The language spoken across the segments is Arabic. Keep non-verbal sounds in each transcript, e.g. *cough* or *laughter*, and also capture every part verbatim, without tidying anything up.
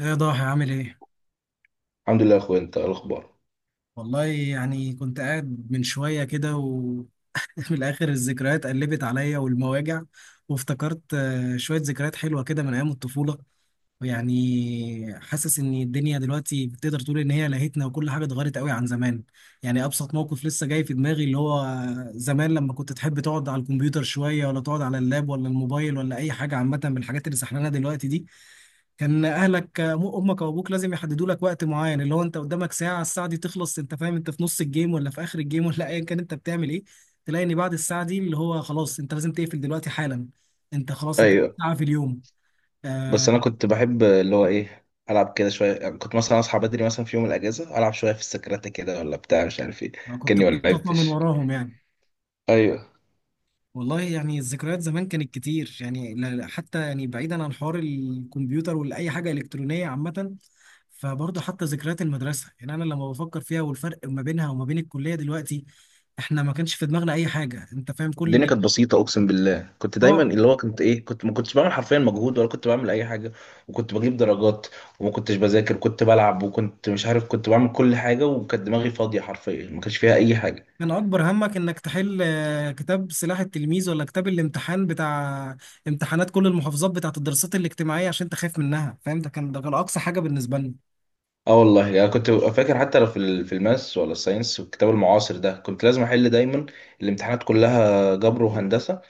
ايه يا ضاحي عامل ايه؟ الحمد لله يا اخويا، انت إيه الاخبار؟ والله يعني كنت قاعد من شوية كده وفي *laughs* الآخر الذكريات قلبت عليا والمواجع. وافتكرت آه، شوية ذكريات حلوة كده من أيام الطفولة. يعني حاسس ان الدنيا دلوقتي بتقدر تقول ان هي لهتنا وكل حاجه اتغيرت قوي عن زمان. يعني ابسط موقف لسه جاي في دماغي، اللي هو زمان لما كنت تحب تقعد على الكمبيوتر شويه ولا تقعد على اللاب ولا الموبايل ولا اي حاجه عامه من الحاجات اللي سحلانه دلوقتي دي، كان اهلك م- امك او ابوك لازم يحددوا لك وقت معين، اللي هو انت قدامك ساعه، الساعه دي تخلص انت فاهم انت في نص الجيم ولا في اخر الجيم ولا ايا كان انت بتعمل ايه. تلاقي ان بعد الساعه دي اللي هو خلاص انت لازم تقفل دلوقتي حالا. انت خلاص انت ايوه. ساعه في اليوم. بس آه، انا كنت بحب اللي هو ايه العب كده شويه، يعني كنت مثلا اصحى بدري مثلا في يوم الاجازه العب شويه في السكرات كده ولا بتاع مش عارف ايه، أنا كنت كاني ما بتخطفها من لعبتش. وراهم يعني. ايوه. والله يعني الذكريات زمان كانت كتير، يعني لا- لا، حتى يعني بعيدا عن حوار الكمبيوتر ولا حاجة إلكترونية عامة، فبرضه حتى ذكريات المدرسة، يعني أنا لما بفكر فيها والفرق ما بينها وما بين الكلية دلوقتي، إحنا ما كانش في دماغنا أي حاجة. أنت فاهم كل الدنيا اللي كانت بسيطه، اقسم بالله. كنت دايما آه اللي هو كنت ايه كنت ما كنتش بعمل حرفيا مجهود ولا كنت بعمل اي حاجه، وكنت بجيب درجات، وما كنتش بذاكر، كنت بلعب وكنت مش عارف، كنت بعمل كل حاجه، وكانت دماغي فاضيه حرفيا، ما كانش فيها اي حاجه. كان أكبر همك إنك تحل، آه، كتاب سلاح التلميذ ولا كتاب الامتحان بتاع امتحانات كل المحافظات بتاعت الدراسات الاجتماعية عشان أنت خايف منها، فاهم؟ ده كان ده كان أقصى حاجة بالنسبة لنا. اه والله انا يعني كنت فاكر حتى لو في ال- في الماس ولا الساينس والكتاب المعاصر ده كنت لازم احل دايما الامتحانات كلها، جبر وهندسه،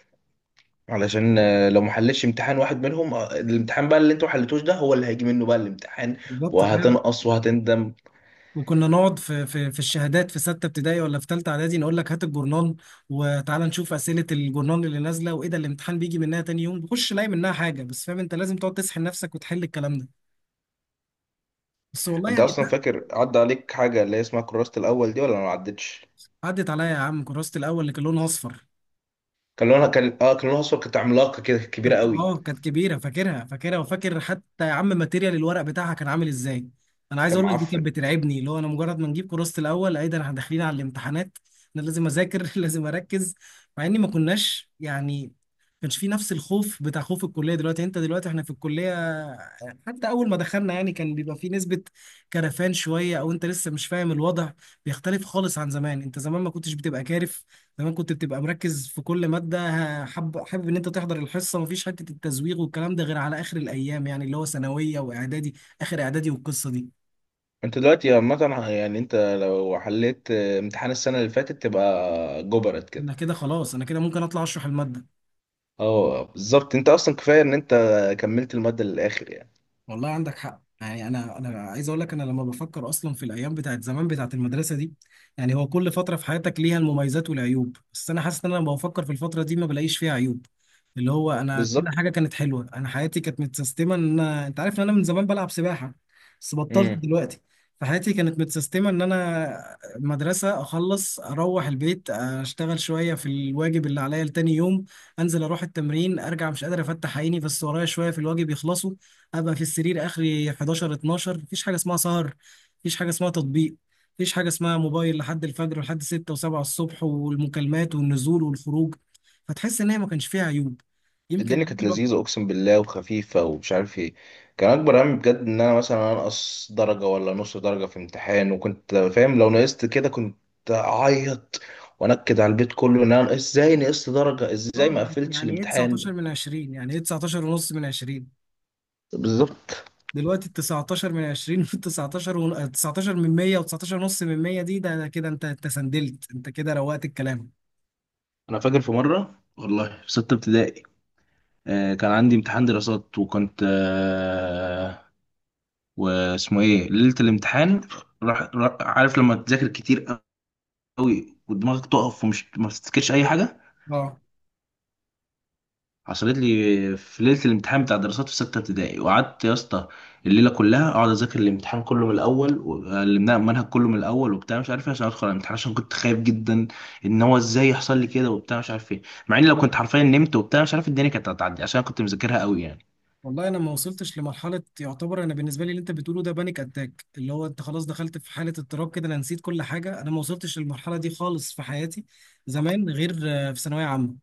علشان آه، لو ما حلتش امتحان واحد منهم، آه، الامتحان بقى اللي انتوا ما حلتوش ده هو اللي هيجي منه بقى الامتحان، بالظبط فعلا. وهتنقص وهتندم. وكنا نقعد في في في الشهادات في ستة ابتدائي ولا في تالتة اعدادي نقول لك هات الجورنال وتعالى نشوف أسئلة الجورنال اللي نازلة، وايه ده الامتحان بيجي منها تاني يوم، بخش الاقي منها حاجة، بس فاهم انت لازم تقعد تسحل نفسك وتحل الكلام ده. بس والله انت يعني اصلا فاكر عدى عليك حاجه اللي هي اسمها كراسه الاول دي ولا ما عدتش؟ عدت عليا يا عم، كراسة الاول اللي كان لونها اصفر. كان لونها كان اه كان لونها اصفر، كانت عملاقه كده، كبيره كانت- قوي، اه كانت كبيره، فاكرها فاكرها، وفاكر حتى يا عم ماتيريال الورق بتاعها كان عامل ازاي. انا عايز كان اقول لك دي كانت معفن. بترعبني، اللي هو انا مجرد ما نجيب كراسه الاول ايه ده احنا داخلين على الامتحانات، انا لازم اذاكر *laughs* لازم اركز. مع اني ما كناش يعني ما كانش في نفس الخوف بتاع خوف الكليه دلوقتي. انت دلوقتي احنا في الكليه حتى اول ما دخلنا يعني كان بيبقى في نسبه كرفان شويه او انت لسه مش فاهم الوضع. بيختلف خالص عن زمان، انت زمان ما كنتش بتبقى كارف. زمان كنت بتبقى مركز في كل مادة، ه- حب حابب ان انت تحضر الحصة، مفيش حتة التزويغ والكلام ده غير على اخر الايام يعني، اللي هو ثانوية واعدادي، اخر اعدادي والقصة دي. انت دلوقتي عامه، يعني انت لو حليت آه، امتحان السنه اللي فاتت تبقى جبرت انا كده. كده خلاص، انا كده ممكن اطلع اشرح المادة. اه بالظبط، انت اصلا كفايه ان انت كملت الماده للاخر يعني. والله عندك حق. يعني انا انا عايز اقول لك، انا لما بفكر اصلا في الايام بتاعت زمان بتاعت المدرسه دي، يعني هو كل فتره في حياتك ليها المميزات والعيوب، بس انا حاسس ان انا لما بفكر في الفتره دي ما بلاقيش فيها عيوب. اللي هو انا كل بالظبط. حاجه كانت حلوه، انا حياتي كانت متسيستمه. ان انا انت عارف ان انا من زمان بلعب سباحه، بس بطلت امم دلوقتي. فحياتي كانت متسيستمه ان انا مدرسه، اخلص اروح البيت، اشتغل شويه في الواجب اللي عليا لتاني يوم، انزل اروح التمرين، ارجع مش قادر افتح عيني بس ورايا شويه في الواجب يخلصوا، ابقى في السرير اخري حداشر اتناشر، مفيش حاجه اسمها سهر، مفيش حاجه اسمها تطبيق، مفيش حاجه اسمها موبايل لحد الفجر ولحد سته و7 الصبح والمكالمات والنزول والخروج. فتحس ان هي ما كانش فيها عيوب. يمكن الدنيا العيب كانت الوحيد، لذيذه، اقسم بالله، وخفيفه ومش عارف ايه. كان اكبر همي بجد ان انا مثلا انقص درجه ولا نص درجه في امتحان، وكنت فاهم لو نقصت كده كنت اعيط وانكد على البيت كله ان انا نقصت- ازاي نقصت درجه، ازاي اه ما يعني، قفلتش يعني ايه تسعة عشر الامتحان. من عشرين؟ يعني ايه تسعة عشر ونص من عشرين؟ بالظبط. دلوقتي ال تسعة عشر من عشرين وال تسعتاشر ون- تسعتاشر *laughs* من ميه و19 ونص من ميه دي، ده ده كده انت انت سندلت، انت كده روقت الكلام. انا فاكر في مره والله، في ستة ابتدائي آه، كان عندي امتحان دراسات، وكنت واسمه ايه، ليله الامتحان، راح راح- عارف لما تذاكر كتير قوي ودماغك تقف ومش ما تفتكرش اي حاجه، اه حصلت لي في ليله الامتحان بتاع دراسات في سته ابتدائي، وقعدت يا اسطى الليله كلها اقعد اذاكر الامتحان كله من الاول، وعلمناه المنهج كله من الاول وبتاع مش عارف ايه، عشان ادخل على الامتحان، عشان كنت خايف جدا ان هو ازاي يحصل لي كده وبتاع مش عارف ايه، مع اني لو كنت حرفيا نمت وبتاع مش عارف الدنيا كانت هتعدي عشان كنت مذاكرها قوي يعني. والله انا ما وصلتش لمرحله يعتبر، انا بالنسبه لي اللي انت بتقوله ده بانيك اتاك، اللي هو انت خلاص دخلت في حاله اضطراب كده، انا نسيت كل حاجه. انا ما وصلتش للمرحله دي خالص في حياتي. زمان غير. آه، في ثانويه عامه،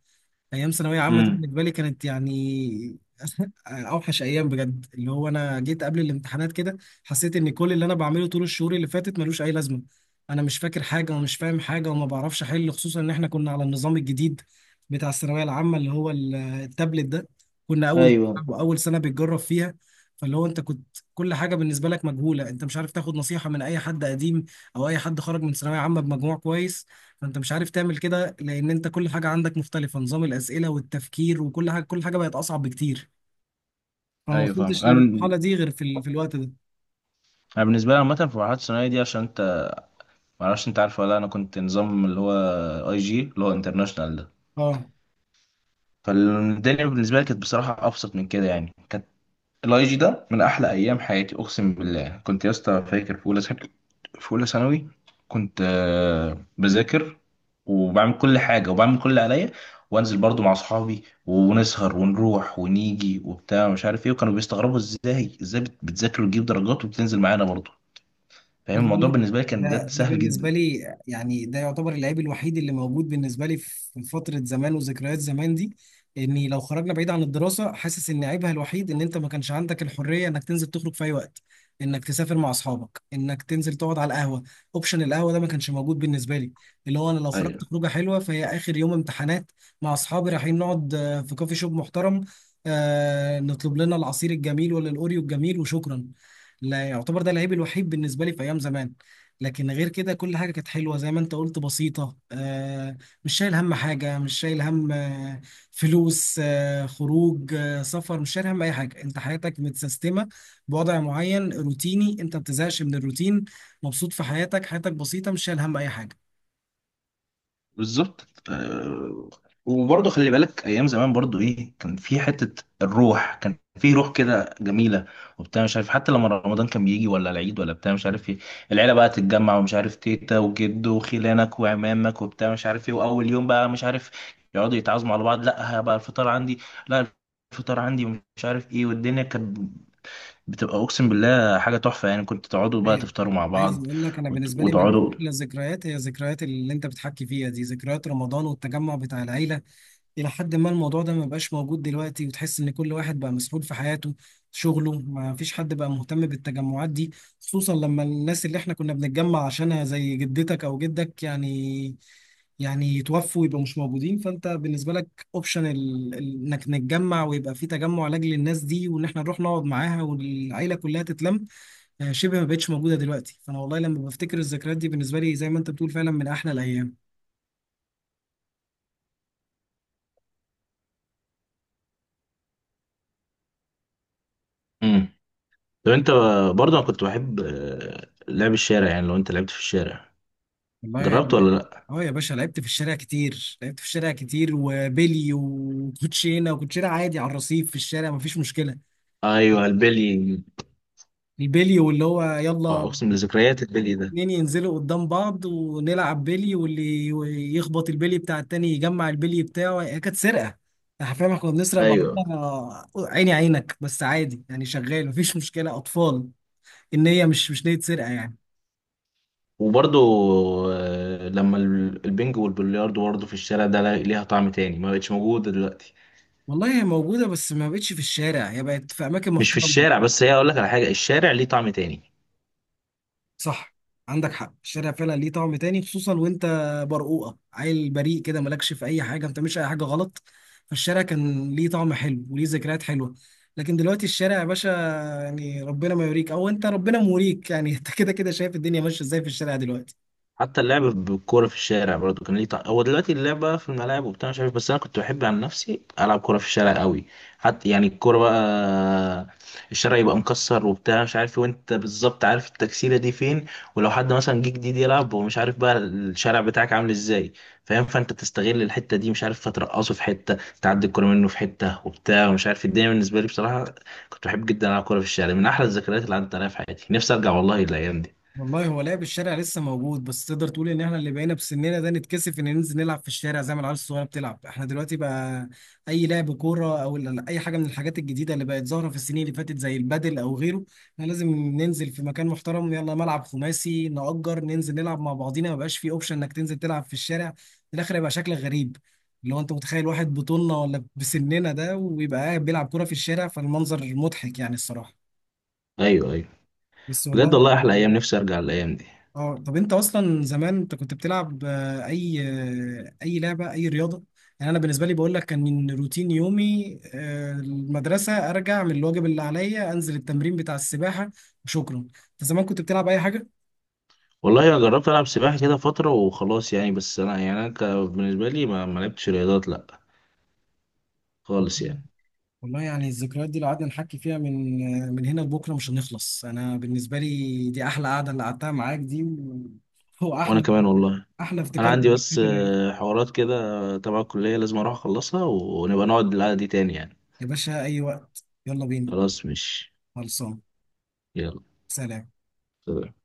ايام ثانويه عامه دي امم بالنسبه لي كانت يعني *laughs* اوحش ايام بجد. اللي هو انا جيت قبل الامتحانات كده، حسيت ان كل اللي انا بعمله طول الشهور اللي فاتت ملوش اي لازمه. انا مش فاكر حاجه ومش فاهم حاجه وما بعرفش احل، خصوصا ان احنا كنا على النظام الجديد بتاع الثانويه العامه، اللي هو ال- التابلت ده، كنا اول ايوه واول سنه بتجرب فيها. فاللي هو انت كنت كل حاجه بالنسبه لك مجهوله، انت مش عارف تاخد نصيحه من اي حد قديم او اي حد خرج من ثانويه عامه بمجموع كويس. فانت مش عارف تعمل كده لان انت كل حاجه عندك مختلفه، نظام الاسئله والتفكير وكل حاجه، كل حاجه بقت اصعب بكتير. فما ايوه، وصلتش فاهم انا. للمرحله دي غير في ال... في الوقت ده. أنا بالنسبه لي عامه في مرحله الثانويه دي، عشان انت معرفش انت عارف ولا لأ، انا كنت نظام اللي هو اي جي، اللي هو انترناشونال ده، اه فالدنيا بالنسبه لي كانت بصراحه ابسط من كده، يعني كانت الاي جي ده من احلى ايام حياتي، اقسم بالله. كنت يا اسطى فاكر في اولى ثانوي في اولى ثانوي كنت آه، بذاكر وبعمل كل حاجه وبعمل كل اللي عليا، وانزل برضو مع اصحابي ونسهر ونروح ونيجي وبتاع مش عارف ايه، وكانوا بيستغربوا ازاي ازاي بت- بتذاكر وتجيب درجات وبتنزل معانا برضو. فاهم، عايز اقول الموضوع لك بالنسبه لي كان بجد ده ده سهل بالنسبه جدا. لي، يعني ده يعتبر اللعيب الوحيد اللي موجود بالنسبه لي في فتره زمان وذكريات زمان دي. اني لو خرجنا بعيد عن الدراسه، حاسس ان عيبها الوحيد ان انت ما كانش عندك الحريه انك تنزل تخرج في اي وقت، انك تسافر مع اصحابك، انك تنزل تقعد على القهوه. اوبشن القهوه ده ما كانش موجود بالنسبه لي. اللي هو انا لو خرجت خروجه حلوه فهي اخر يوم امتحانات مع اصحابي، رايحين نقعد آه، في كوفي شوب محترم، آه نطلب لنا العصير الجميل ولا الاوريو الجميل وشكرا. لا يعتبر ده العيب الوحيد بالنسبه لي في ايام زمان. لكن غير كده كل حاجه كانت حلوه زي ما انت قلت، بسيطه، آه مش شايل هم حاجه، مش شايل هم آه فلوس، آه خروج، آه سفر، مش شايل هم اي حاجه، انت حياتك متسيستمه بوضع معين روتيني، انت ما بتزهقش من الروتين، مبسوط في حياتك، حياتك بسيطه، مش شايل هم اي حاجه. بالظبط. آه، وبرضه خلي بالك ايام زمان برضه، ايه كان في حته الروح كان في روح كده جميله وبتاع مش عارف، حتى لما رمضان كان بيجي ولا العيد ولا بتاع مش عارف ايه، العيله بقى تتجمع ومش عارف، تيتا وجد وخلانك وعمامك وبتاع مش عارف ايه، واول يوم بقى مش عارف يقعدوا يتعازموا على بعض، لا بقى الفطار عندي، لا الفطار عندي ومش عارف ايه. والدنيا كانت بتبقى اقسم بالله حاجه تحفه، يعني كنت تقعدوا بقى هي. تفطروا مع عايز بعض اقول لك انا وت- بالنسبه لي من وتقعدوا. احلى الذكريات هي ذكريات اللي انت بتحكي فيها دي، ذكريات رمضان والتجمع بتاع العيله. إلى حد ما الموضوع ده ما بقاش موجود دلوقتي، وتحس إن كل واحد بقى مسحول في حياته شغله، ما فيش حد بقى مهتم بالتجمعات دي. خصوصا لما الناس اللي إحنا كنا بنتجمع عشانها زي جدتك أو جدك، يعني يعني يتوفوا ويبقوا مش موجودين، فأنت بالنسبة لك أوبشن إنك نتجمع ويبقى في تجمع لأجل الناس دي، وإن إحنا نروح نقعد معاها والعيلة كلها تتلم، آه، شبه ما بقتش موجودة دلوقتي. فأنا والله لما بفتكر الذكريات دي بالنسبة لي زي ما أنت بتقول، فعلا من أحلى الأيام. إمم. طب انت برضه، انا كنت بحب آه، لعب الشارع، يعني لو انت لعبت في الشارع جربت والله ولا لا؟ اه يا باشا، لعبت في الشارع كتير، لعبت في الشارع كتير، وبيلي وكوتشينه وكوتشينه عادي على الرصيف في الشارع، مفيش مشكلة. ايوه، البلي. البيلي، واللي هو يلا اقسم بذكريات البلي ده. اتنين ينزلوا قدام بعض ونلعب بيلي، واللي يخبط البيلي بتاع التاني يجمع البيلي بتاعه. هي كانت سرقة حرفيا، احنا كنا بنسرق ايوه بعضنا عيني عينك، بس عادي يعني شغال مفيش مشكلة، أطفال، إن هي مش مش نية سرقة يعني. وبرضه آه، لما ال- البنج والبلياردو برضه في الشارع ده لا- ليها طعم تاني، ما بقتش موجودة دلوقتي. والله هي موجودة بس ما بقتش في الشارع، هي بقت في أماكن مش في محترمة. الشارع بس، هي اقول لك على حاجة، الشارع ليه طعم تاني. صح، عندك حق، الشارع فعلا ليه طعم تاني، خصوصا وانت برقوقه، عيل بريء كده مالكش في اي حاجه ما بتعملش اي حاجه غلط، فالشارع كان ليه طعم حلو وليه ذكريات حلوه. لكن دلوقتي الشارع يا باشا، يعني ربنا ما يوريك او انت ربنا موريك يعني *laughs* انت كده كده شايف الدنيا ماشيه ازاي في الشارع دلوقتي. حتى اللعب بالكورة في الشارع برضو كان ليه طعم، هو دلوقتي اللعبة في الملاعب وبتاع مش عارف، بس أنا كنت بحب عن نفسي ألعب كورة في الشارع قوي، حتى يعني الكورة بقى، الشارع يبقى مكسر وبتاع مش عارف، وأنت بالظبط عارف التكسيرة دي فين، ولو حد مثلا جه جديد يلعب هو مش عارف بقى الشارع بتاعك عامل إزاي، فاهم؟ فأنت تستغل الحتة دي مش عارف، فترقصه في حتة، تعدي الكورة منه في حتة وبتاع ومش عارف. الدنيا بالنسبة لي بصراحة، كنت بحب جدا ألعب كورة في الشارع، من أحلى الذكريات اللي عدت عليها في حياتي. نفسي أرجع والله للأيام دي. والله هو لعب الشارع لسه موجود بس تقدر تقول ان احنا اللي بقينا بسننا ده نتكسف ان ننزل نلعب في الشارع زي ما العيال الصغيره بتلعب. احنا دلوقتي بقى اي لعب كوره او ال- اي حاجه من الحاجات الجديده اللي بقت ظاهره في السنين اللي فاتت زي البادل او غيره، احنا لازم ننزل في مكان محترم، يلا ملعب خماسي نأجر ننزل نلعب مع بعضينا. ما بقاش في اوبشن انك تنزل تلعب في الشارع، في الاخر هيبقى شكلك غريب. اللي هو انت متخيل واحد بطولنا ولا بسننا ده ويبقى قاعد بيلعب كوره في الشارع؟ فالمنظر مضحك يعني الصراحه. أيوه أيوه. بس بجد والله. والله احلى ايام، نفسي ارجع الايام دي. اه طب انت اصلا زمان انت كنت بتلعب آه، اي آه، اي لعبه اي رياضه؟ يعني انا بالنسبه لي بقول لك كان روتين يومي، آه، المدرسه ارجع من الواجب اللي عليا انزل التمرين بتاع السباحه وشكرا. انت زمان كنت بتلعب اي حاجه؟ والله انا جربت العب سباحه كده فتره وخلاص يعني، بس انا يعني انا ك- بالنسبه لي ما ما لعبتش رياضات، لا، *laughs* خالص مم. يعني. والله يعني الذكريات دي لو قعدنا نحكي فيها من آه، من هنا لبكره مش هنخلص. انا بالنسبه لي دي احلى قعده اللي قعدتها معاك دي و- هو وانا احلى كمان والله. احلى انا افتكار عندي بس للذكريات الرايقة. آه، حوارات كده آه، تبع الكليه، لازم اروح اخلصها، ونبقى نقعد القعده دي تاني يعني. يا باشا اي وقت، يلا بينا. خلاص، مش. خلصان. يلا. سلام. سلام.